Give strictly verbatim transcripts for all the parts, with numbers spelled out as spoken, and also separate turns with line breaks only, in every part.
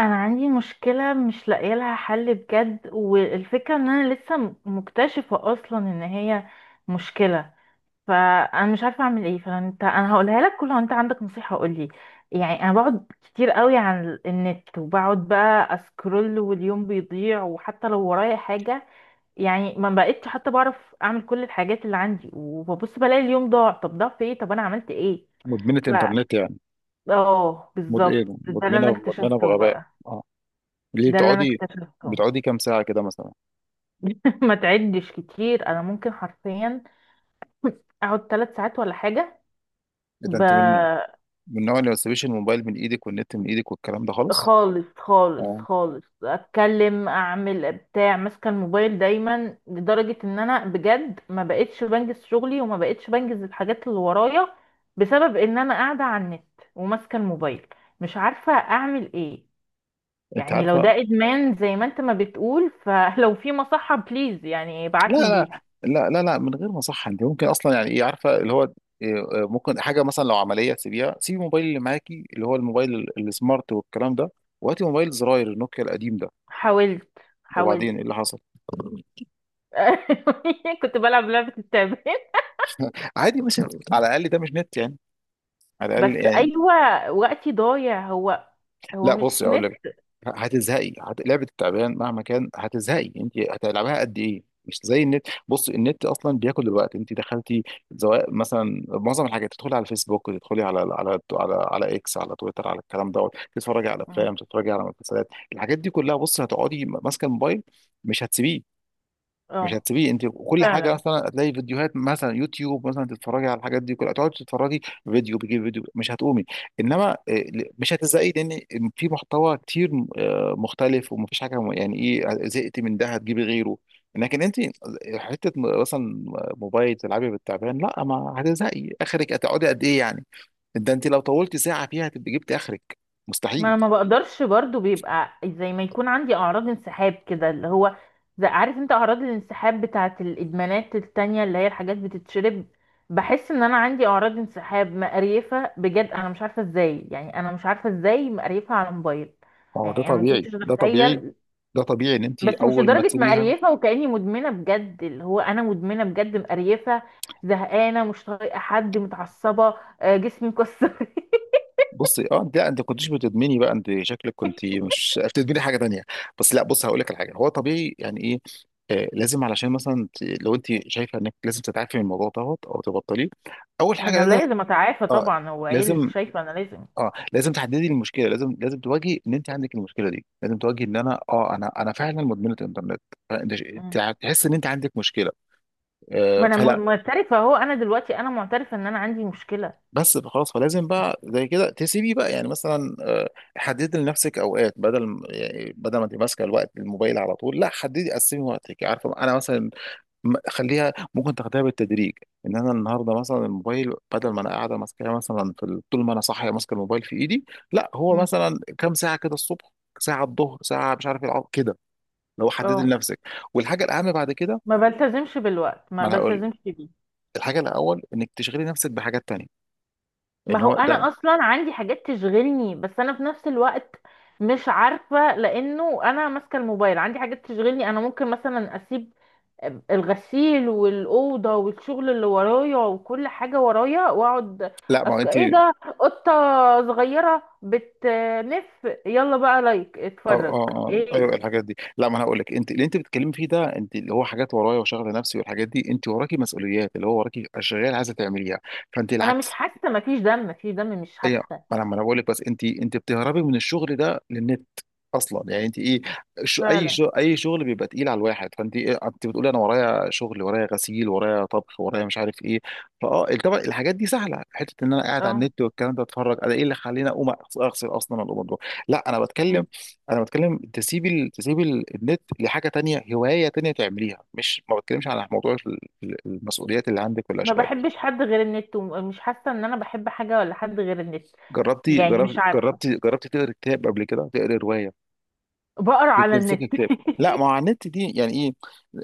انا عندي مشكله مش لاقيه لها حل بجد، والفكره ان انا لسه م- مكتشفه اصلا ان هي مشكله. فانا مش عارفه اعمل ايه، فانت انا هقولها لك كلها وانت عندك نصيحه قولي. يعني انا بقعد كتير قوي على النت، وبقعد بقى اسكرول واليوم بيضيع، وحتى لو ورايا حاجه يعني ما بقتش حتى بعرف اعمل كل الحاجات اللي عندي، وببص بلاقي اليوم ضاع. طب ضاع في ايه؟ طب انا عملت ايه؟
مدمنة
ف
انترنت يعني
اه،
مد... ايه
بالظبط ده اللي انا
مدمنة مدمنة
اكتشفته
بغباء
بقى.
اه، ليه
ده اللي انا
بتقعدي؟
اكتشفته.
بتقعدي كام ساعة كده مثلا؟
ما تعدش كتير، انا ممكن حرفيا اقعد ثلاث ساعات ولا حاجه.
اذا
ب...
انت من من النوع اللي ما تسيبيش الموبايل من ايدك والنت من ايدك والكلام ده خالص.
خالص خالص
اه،
خالص، اتكلم، اعمل، بتاع، ماسكه الموبايل دايما، لدرجه ان انا بجد ما بقتش بنجز شغلي، وما بقتش بنجز الحاجات اللي ورايا، بسبب ان انا قاعده على النت وماسكه الموبايل. مش عارفه اعمل ايه.
انت
يعني لو
عارفة؟
ده ادمان زي ما انت ما بتقول، فلو في مصحه، بليز يعني
لا
ابعتني
لا
ليها.
لا لا لا من غير ما صح؟ انت ممكن اصلا، يعني ايه، عارفة اللي هو إيه، آه، ممكن حاجة مثلا لو عملية تسيبيها، سيبي الموبايل اللي معاكي اللي هو الموبايل ال- السمارت والكلام ده، وهاتي موبايل زراير النوكيا القديم ده.
حاولت، حاولت.
وبعدين ايه اللي حصل؟
كنت بلعب لعبة التعبان.
عادي ماشي، على الاقل ده مش نت يعني، على الاقل
بس
يعني.
أيوة، وقتي ضايع هو، هو
لا بصي
مش
اقول
نت.
لك، هتزهقي، هت... لعبه التعبان مهما كان هتزهقي، انت هتلعبها قد ايه؟ مش زي النت. بصي النت اصلا بياكل الوقت، انت دخلتي سواء مثلا معظم الحاجات، تدخلي على الفيسبوك، تدخلي على على على على اكس، على تويتر، على الكلام دوت، تتفرجي على
مم.
افلام، تتفرجي على مسلسلات، الحاجات دي كلها بصي هتقعدي ماسكه الموبايل، مش هتسيبيه. مش
اه،
هتسيبيه انت. كل حاجه
فعلا.
مثلا هتلاقي فيديوهات مثلا يوتيوب مثلا، تتفرجي على الحاجات دي كلها، تقعدي تتفرجي، فيديو بيجيب فيديو، مش هتقومي. انما آه، ل- مش هتزهقي لان في محتوى كتير آه، مختلف، ومفيش حاجه م- يعني ايه، زهقتي من ده هتجيبي غيره. لكن انت آه، حته م- مثلا موبايل تلعبي بالتعبان، لا ما هتزهقي، اخرك هتقعدي قد ايه يعني؟ ده انت لو طولتي ساعه فيها هتبقي جبتي اخرك،
ما
مستحيل.
أنا ما بقدرش برضو، بيبقى زي ما يكون عندي أعراض انسحاب كده، اللي هو زي، عارف انت أعراض الانسحاب بتاعة الإدمانات التانية، اللي هي الحاجات بتتشرب. بحس ان انا عندي اعراض انسحاب مقريفه بجد، انا مش عارفه ازاي، يعني انا مش عارفه ازاي مقريفه على موبايل.
ما هو ده
يعني انا ما
طبيعي،
كنتش
ده طبيعي.
اتخيل.
ده طبيعي ان انت
بس مش
اول ما
لدرجة
تسيبيها.
مقريفة، وكأني مدمنة بجد، اللي هو أنا مدمنة بجد مقريفة. زهقانة، مش طايقة حد، متعصبة، آه، جسمي مكسر.
بصي اه، انت لا، انت كنتش بتدمني بقى، انت شكلك كنت مش بتدمني حاجه تانية. بس لا، بص هقول لك الحاجه، هو طبيعي يعني ايه. آه، لازم علشان مثلا ت- لو انت شايفه انك لازم تتعافي من الموضوع دوت او تبطليه، اول حاجه
أنا
لازم،
لازم أتعافى
اه،
طبعا. هو إيه اللي
لازم،
شايفة أنا لازم؟
اه، لازم تحددي المشكله، لازم، لازم تواجهي ان انت عندك المشكله دي، لازم تواجهي ان انا اه، انا انا فعلا مدمنه انترنت. فانت ش-
مم.
تع- تحس ان انت عندك مشكله.
ما
آه،
أنا م-
فلا،
معترفة أهو. أنا دلوقتي أنا معترفة إن أنا عندي مشكلة.
بس بقى خلاص، فلازم بقى زي كده تسيبي بقى يعني مثلا، آه، حددي لنفسك اوقات، بدل م- يعني بدل ما تبقى ماسكه الوقت الموبايل على طول، لا، حددي، قسمي وقتك. عارفه انا مثلا م- خليها ممكن تاخديها بالتدريج، ان انا النهارده مثلا الموبايل بدل ما انا قاعده ماسكاه مثلا في ال- طول ما انا صاحيه ماسكه الموبايل في ايدي، لا، هو
مم.
مثلا كام ساعه كده الصبح، ساعه الظهر، ساعه مش عارف العصر كده، لو حددي
أه.
لنفسك. والحاجه الاهم بعد كده،
ما بلتزمش بالوقت، ما
ما انا هقول لك،
بلتزمش بيه.
الحاجه الاول انك تشغلي نفسك بحاجات تانية.
ما
ان
هو
هو ده.
أنا أصلا عندي حاجات تشغلني، بس أنا في نفس الوقت مش عارفة، لأنه أنا ماسكة الموبايل. عندي حاجات تشغلني، أنا ممكن مثلا أسيب الغسيل والأوضة والشغل اللي ورايا وكل حاجة ورايا وأقعد.
لا ما هو
أصل
انت،
إيه ده؟ قطة صغيرة بتنف، يلا بقى لايك
اه
اتفرج.
اه اه ايوه
إيه؟
الحاجات دي. لا ما انا هقول لك، انت اللي انت بتتكلمي فيه ده، انت اللي هو حاجات ورايا وشغل نفسي والحاجات دي، انت وراكي مسؤوليات، اللي هو وراكي اشغال عايزه تعمليها، فانت
ما أنا مش
العكس.
حاسة، مفيش دم، مفيش دم، مش
ايه،
حاسة.
ما انا ما انا بقول لك، بس انت، انت بتهربي من الشغل ده للنت اصلا، يعني انت ايه؟ شو اي
فعلا.
شو اي شغل بيبقى تقيل على الواحد فانت؟ إيه انت بتقولي انا ورايا شغل، ورايا غسيل، ورايا طبخ، ورايا مش عارف ايه. فاه، طبعا الحاجات دي سهله، حته ان انا قاعد على
اه،
النت والكلام ده اتفرج، انا ايه اللي خليني اقوم أغس- اغسل اصلا، ولا أقوم أطبخ؟ لا انا بتكلم، انا بتكلم تسيبي ال- تسيبي ال- النت لحاجه تانية، هوايه تانية تعمليها، مش ما بتكلمش على موضوع ال- ال- المسؤوليات اللي عندك
ما
والاشغال.
بحبش حد غير النت، ومش حاسة إن أنا بحب حاجة ولا حد غير النت.
جربتي
يعني مش
جربتي
عارفة،
جربتي جربتي تقري كتاب قبل كده، تقري روايه،
بقرا على
تمسكي
النت.
كتاب؟ لا، ما هو على النت دي يعني ايه؟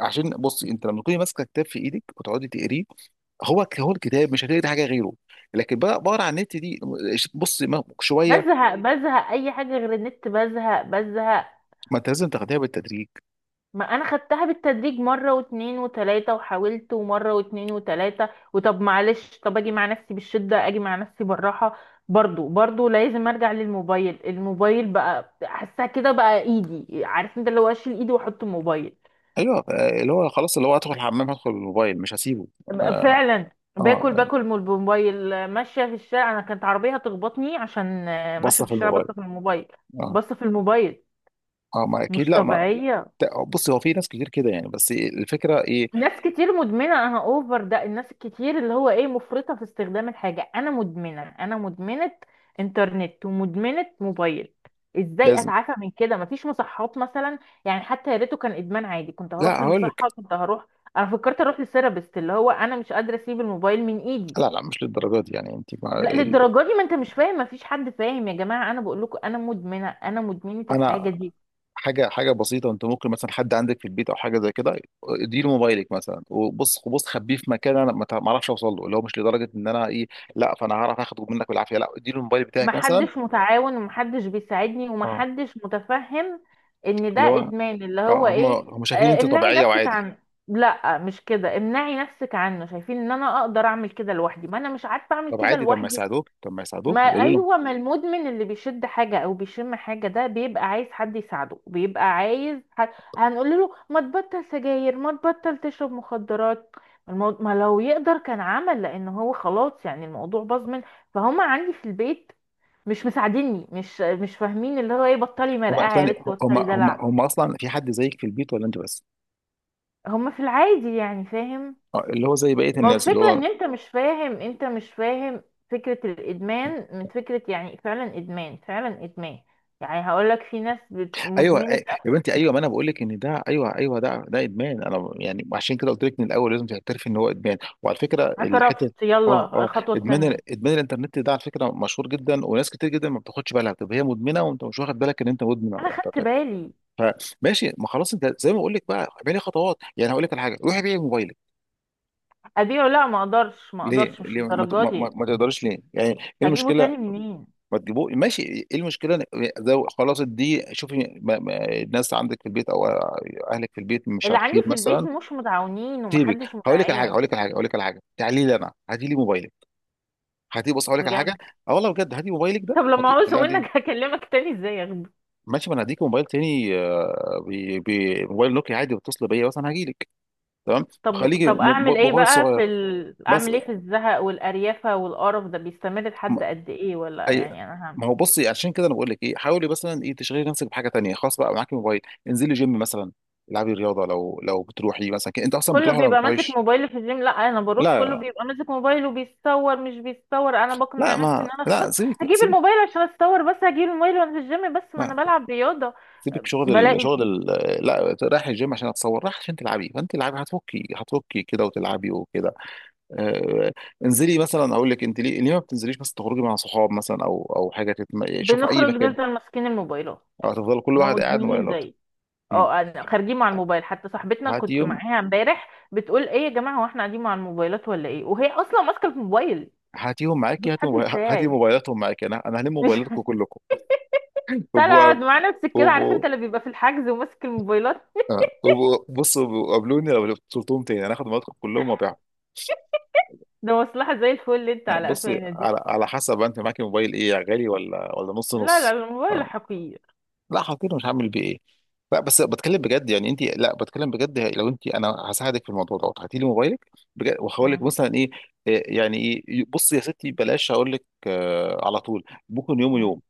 عشان بصي انت لما تكوني ماسكه كتاب في ايدك وتقعدي تقريه، هو هو الكتاب مش هتقري حاجه غيره. لكن بقى بقرا على النت دي، بصي ما- شويه.
بزهق بزهق، أي حاجة غير النت بزهق بزهق.
ما انت لازم تاخديها بالتدريج.
ما انا خدتها بالتدريج مره واتنين وتلاته، وحاولت ومره واتنين وتلاته، وطب معلش، طب اجي مع نفسي بالشده، اجي مع نفسي بالراحه، برضو برضو لازم ارجع للموبايل. الموبايل بقى حاسها كده بقى ايدي، عارف انت اللي هو اشيل ايدي واحط موبايل
ايوه، آه، اللي هو خلاص اللي هو ادخل الحمام هدخل بالموبايل مش هسيبه.
بقى
اه،
فعلا. باكل
آه،
باكل من الموبايل، ماشيه في الشارع، انا كانت عربيه هتخبطني عشان آه، ماشيه
بصه
في
في
الشارع بس
الموبايل.
في الموبايل،
اه
بس في الموبايل.
اه، ما اكيد،
مش
لا ما.
طبيعيه.
بصي هو في ناس كتير كده يعني، بس الفكره ايه.
ناس كتير مدمنة، انا اوفر ده، الناس الكتير اللي هو ايه، مفرطة في استخدام الحاجة، انا مدمنة، انا مدمنة انترنت ومدمنة موبايل. ازاي
لازم.
اتعافى من كده؟ مفيش مصحات مثلا؟ يعني حتى يا ريته كان ادمان عادي، كنت
لا
هروح
هقول لك،
لمصحة، كنت هروح. انا فكرت اروح لثيرابيست، اللي هو انا مش قادرة اسيب الموبايل من ايدي.
لا لا مش للدرجه دي يعني، انت مع
لا
ال-
للدرجة دي، ما انت مش فاهم، مفيش حد فاهم، يا جماعة انا بقول لكم انا مدمنة، انا مدمنة
انا.
الحاجة دي.
حاجه، حاجه بسيطه، انت ممكن مثلا حد عندك في البيت او حاجه زي كده، اديله موبايلك مثلا، وبص بص خبيه في مكان، انا ما تع- ما اعرفش اوصل له، اللي هو مش لدرجه ان انا ايه، لا فانا هعرف اخده منك بالعافيه، لا اديله الموبايل بتاعك مثلا.
محدش متعاون، ومحدش بيساعدني،
اه.
ومحدش متفهم ان ده
اللي هو
ادمان اللي هو
اه، هم
ايه.
هم شايفين
آه،
انت
امنعي
طبيعيه
نفسك
وعادي.
عنه. لا مش كده امنعي نفسك عنه، شايفين ان انا اقدر اعمل كده لوحدي، ما انا مش عارفه اعمل
طب
كده
عادي، طب ما
لوحدي.
يساعدوك، طب ما
ما
يساعدوك، يقولوا لهم.
ايوه، ما المدمن اللي بيشد حاجه او بيشم حاجه ده بيبقى عايز حد يساعده، بيبقى عايز حد. هنقول له ما تبطل سجاير، ما تبطل تشرب مخدرات؟ المو... ما لو يقدر كان عمل، لان هو خلاص يعني الموضوع باظ منه. فهم عندي في البيت مش مساعديني، مش مش فاهمين اللي هو ايه، بطلي
هم
مرقعه يا
ثاني،
بنت،
هم
بطلي
هم
دلع.
هم اصلا في حد زيك في البيت ولا انت بس؟
هما في العادي يعني فاهم.
اه، اللي هو زي بقيه
ما هو
الناس، اللي
الفكره
هو
ان انت مش فاهم، انت مش فاهم فكره الادمان، من فكره يعني فعلا ادمان، فعلا ادمان. يعني هقول لك في ناس بت-
ايوه،
مدمنه.
أي- يا بنتي ايوه، ما انا بقول لك ان ده ايوه، ايوه ده، ده ادمان. انا يعني عشان كده قلت لك من الاول لازم تعترفي ان هو ادمان. وعلى فكره الحته
اعترفت،
اه
يلا
اه،
الخطوه
ادمان
التانية.
ال- ادمان الانترنت ده على فكره مشهور جدا، وناس كتير جدا ما بتاخدش بالها، بتبقى هي مدمنه وانت مش واخد بالك ان انت مدمن على
انا خدت
الانترنت.
بالي.
فماشي، ما خلاص انت زي ما بقول لك بقى اعملي خطوات، يعني هقول لك على حاجه، روحي بيعي موبايلك.
ابيعه؟ لا ما اقدرش، ما
ليه؟
اقدرش، مش
ليه ما, ت- ما,
الدرجه
ما
دي.
ما تقدرش ليه؟ يعني ايه
هجيبه
المشكله؟
تاني منين؟
ما تجيبوه، ماشي، ايه المشكله؟ ده خلاص دي، شوفي ما، ما الناس عندك في البيت او اهلك في البيت مش
اللي عندي
عارفين
في البيت
مثلا.
مش متعاونين،
سيبك،
ومحدش
هقول لك على حاجه
متعاون.
هقول لك على حاجه هقول لك على حاجه، تعالي لي انا، هاتي لي موبايلك. هاتي بص، هقول لك على
بجد؟
حاجه، اه والله بجد، هاتي موبايلك ده،
طب لما
هاتي خلي
عاوزه
عندي.
منك هكلمك تاني؟ ازاي اخبار؟
ماشي، ما انا هديك موبايل تاني، آه، بي- بي- موبايل نوكيا عادي، بتصل بيا مثلا هجيلك. تمام.
طب
خليكي
طب
مو- مو-
اعمل ايه
موبايل
بقى
صغير
في ال...
بس.
اعمل ايه في الزهق والاريافه والقرف ده؟ بيستمر لحد قد ايه؟ ولا
اي،
يعني انا هم.
ما هو بصي عشان كده انا بقول لك ايه، حاولي مثلا ايه تشغلي نفسك بحاجه تانية. خلاص بقى معاكي موبايل، انزلي جيم مثلا، العبي رياضه، لو لو بتروحي مثلا، ك- انت اصلا
كله
بتروحي ولا ما
بيبقى ماسك
بتروحيش؟
موبايل في الجيم، لا انا بروح،
لا
كله
لا
بيبقى ماسك موبايل وبيتصور. مش بيتصور، انا بقنع
لا
نفسي
ما
ان انا
لا
خلاص
سيبك،
هجيب
سيبك.
الموبايل عشان اتصور. بس هجيب الموبايل وانا في الجيم، بس ما انا
لا
بلعب رياضه.
سيبك، شغل ال...
بلاقي.
شغل ال... لا رايح الجيم عشان اتصور، رايح عشان تلعبي، فانت العبي، هتفكي، هتفكي كده وتلعبي وكده. آه... انزلي مثلا اقول لك انت، ليه ليه ما بتنزليش مثلا تخرجي مع صحاب مثلا، او او حاجه تتم... شوف اي
بنخرج
مكان.
نفضل ماسكين الموبايلات،
او هتفضل كل
ما
واحد قاعد
مدمنين
موبايلات.
زي.
مم.
اه، انا خارجين مع الموبايل، حتى صاحبتنا
هاتي
كنت
يوم،
معاها امبارح بتقول ايه يا جماعه هو احنا قاعدين مع الموبايلات ولا ايه، وهي اصلا ماسكه الموبايل.
هاتيهم
مش
معاكي، هاتي
حد
موبايل، هاتي
يساعد،
موبايلاتهم معاكي، انا انا هلم
مش
موبايلاتكم كلكم
تقعد
وابقوا.
مع نفسك كده، عارف
وابقوا،
انت اللي بيبقى في الحجز وماسك الموبايلات.
آه، وابقوا- بصوا قابلوني لو بتلتهم تاني انا هاخد موبايلاتكم كلهم وابيعهم.
ده مصلحة زي الفل اللي انت
آه،
على
بصي،
قفانا دي.
على على حسب، انت معاكي موبايل ايه؟ غالي ولا ولا نص
لا لا
نص؟
الموبايل
آه،
حقير.
لا حاطينه مش هعمل بيه ايه. لا بس بتكلم بجد يعني انت، لا بتكلم بجد، لو انت انا هساعدك في الموضوع دوت، هاتي لي موبايلك بجد، وهقول لك
مم.
مثلا ايه. إيه يعني ايه، بصي يا ستي بلاش هقول لك آه، على طول، ممكن يوم
مم.
ويوم،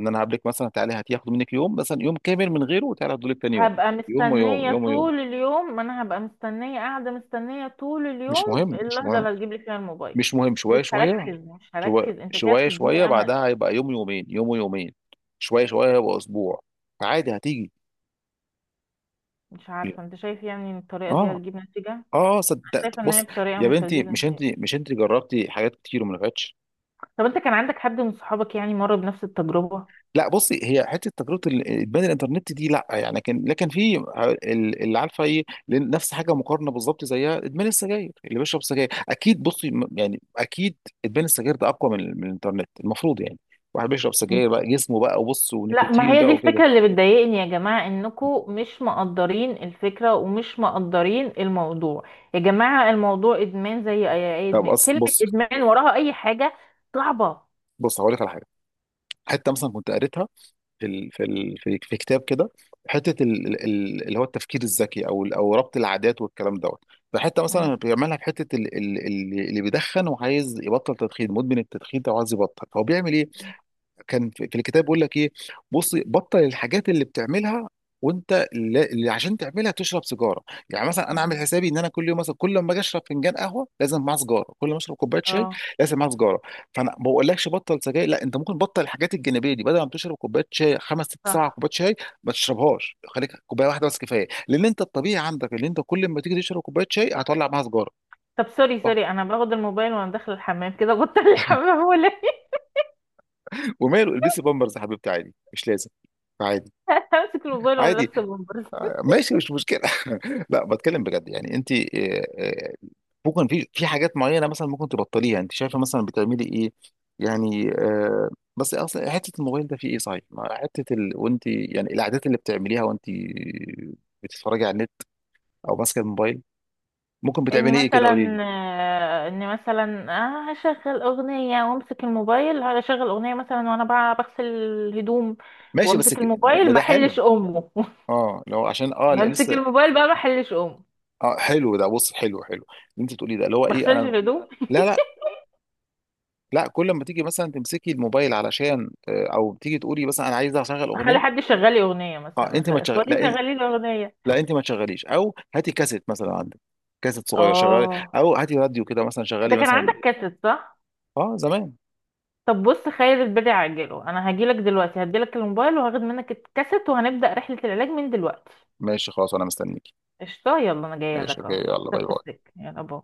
ان انا هقابلك مثلا تعالي هتاخده منك يوم، مثلا يوم كامل من غيره، وتعالي هديه لك تاني يوم.
هبقى
يوم ويوم،
مستنية
يوم ويوم.
طول اليوم، ما انا هبقى مستنية، قاعدة مستنية طول
مش
اليوم
مهم، مش
اللحظة
مهم.
اللي هتجيب لي فيها الموبايل.
مش مهم،
مش
شويه شويه،
هركز، مش
شويه
هركز، انت كده
شويه شويه
بتديني امل.
بعدها هيبقى يوم يومين، يوم ويومين، شويه شويه هيبقى اسبوع، فعادي هتيجي.
مش عارفة انت شايف يعني ان الطريقة دي
اه،
هتجيب نتيجة؟ انا
اه صدقت
شايفة ان هي
بص.
بطريقة
يا
مش
بنتي
هتجيب
مش انت،
نتيجة.
مش انت جربتي حاجات كتير وما نفعتش؟
طب انت كان عندك حد من صحابك يعني مر بنفس التجربة؟
لا بصي هي حته تجربه ال- البنى الانترنت دي لا يعني، لكن لكن في ال- اللي عارفه ايه، لأن نفس حاجه مقارنه بالظبط زيها ادمان السجاير، اللي بيشرب سجاير اكيد بصي م- يعني اكيد ادمان السجاير ده اقوى من, من الانترنت المفروض يعني. واحد بيشرب سجاير بقى جسمه بقى وبص
لا ما
ونيكوتين
هي دي
بقى وكده.
الفكرة اللي بتضايقني، يا جماعة انكم مش مقدرين الفكرة، ومش مقدرين الموضوع. يا جماعة الموضوع ادمان زي اي أي
طب
ادمان،
أص-
كلمة
بص،
ادمان وراها اي حاجة صعبة.
بص هقول لك على حاجه، حته مثلا كنت قريتها في ال في ال في في كتاب كده، حته ال- ال- ال- اللي هو التفكير الذكي، او ال- او ربط العادات والكلام دوت، فحته
مم.
مثلا بيعملها في حته ال- ال- ال- اللي بيدخن وعايز يبطل تدخين، مدمن التدخين ده وعايز يبطل، هو بيعمل ايه؟ كان في في الكتاب بيقول لك ايه، بصي بطل الحاجات اللي بتعملها وانت اللي اللي عشان تعملها تشرب سيجاره. يعني مثلا انا عامل
مم.
حسابي ان انا كل يوم مثلا، كل ما اجي اشرب فنجان قهوه لازم معاه سيجاره، كل ما اشرب كوبايه شاي
اه
لازم معاه سيجاره. فانا ما بقولكش بطل سجاير، لا، انت ممكن بطل الحاجات الجانبيه دي، بدل ما تشرب كوبايه شاي خمس ست سبع
صح.
كوبايات شاي، ما تشربهاش، خليك كوبايه واحده بس كفايه، لان انت الطبيعي عندك ان انت كل ما تيجي تشرب كوبايه شاي هتولع معاها سيجاره.
طب سوري
صح،
سوري، انا باخد الموبايل وانا داخلة الحمام كده، بطل الحمام ولا إيه؟
وماله البسي بامبرز يا حبيبتي، عادي مش لازم. عادي.
امسك الموبايل وانا
عادي،
لابسة.
ماشي، مش مشكله. لا بتكلم بجد يعني انت، آه، آه، ممكن في في حاجات معينه مثلا ممكن تبطليها، انت شايفه مثلا بتعملي ايه؟ يعني آه، بس اصلا حته الموبايل ده فيه ايه صحيح، ما حته ال... وانت يعني، العادات اللي بتعمليها وانت بتتفرجي على النت او ماسكه الموبايل، ممكن
اني
بتعملي ايه كده، قولي لي.
مثلا، آه، اني مثلا، آه، هشغل اغنيه وامسك الموبايل، هشغل اغنيه مثلا وانا بقى بغسل الهدوم،
ماشي، بس
وامسك
ك-
الموباil
ما
ما
ده حلو.
احلش امه.
اه لو عشان اه، لا،
بمسك
لسه.
الموبايل بقى ما احلش امه.
اه حلو ده، بص حلو حلو، اللي انت بتقوليه ده اللي هو
ما
ايه
اغسلش
انا.
الهدوم.
لا لا لا كل ما تيجي مثلا تمسكي الموبايل علشان آه، او تيجي تقولي مثلا انا عايزه اشغل
اخلي
اغنيه.
حد يشغل لي اغنيه،
اه،
مثلا
انت
أخ-
ما تشغل، لا
اخواتي
إن-
شغالين لي اغنيه.
لا انت ما تشغليش، او هاتي كاسيت مثلا عندك، كاسيت صغير شغلي،
اه
او هاتي راديو كده مثلا
انت
شغلي
كان
مثلا.
عندك كاسيت صح.
اه زمان.
طب بص، خير البدع عاجله، انا هجيلك دلوقتي، هديلك الموبايل وهاخد منك الكاسيت، وهنبدا رحله العلاج من دلوقتي.
ماشي خلاص انا مستنيكي.
قشطه، يلا انا جايه
ماشي
لك
اوكي،
اهو.
يلا باي
سبت
باي.
السك، يلا باي.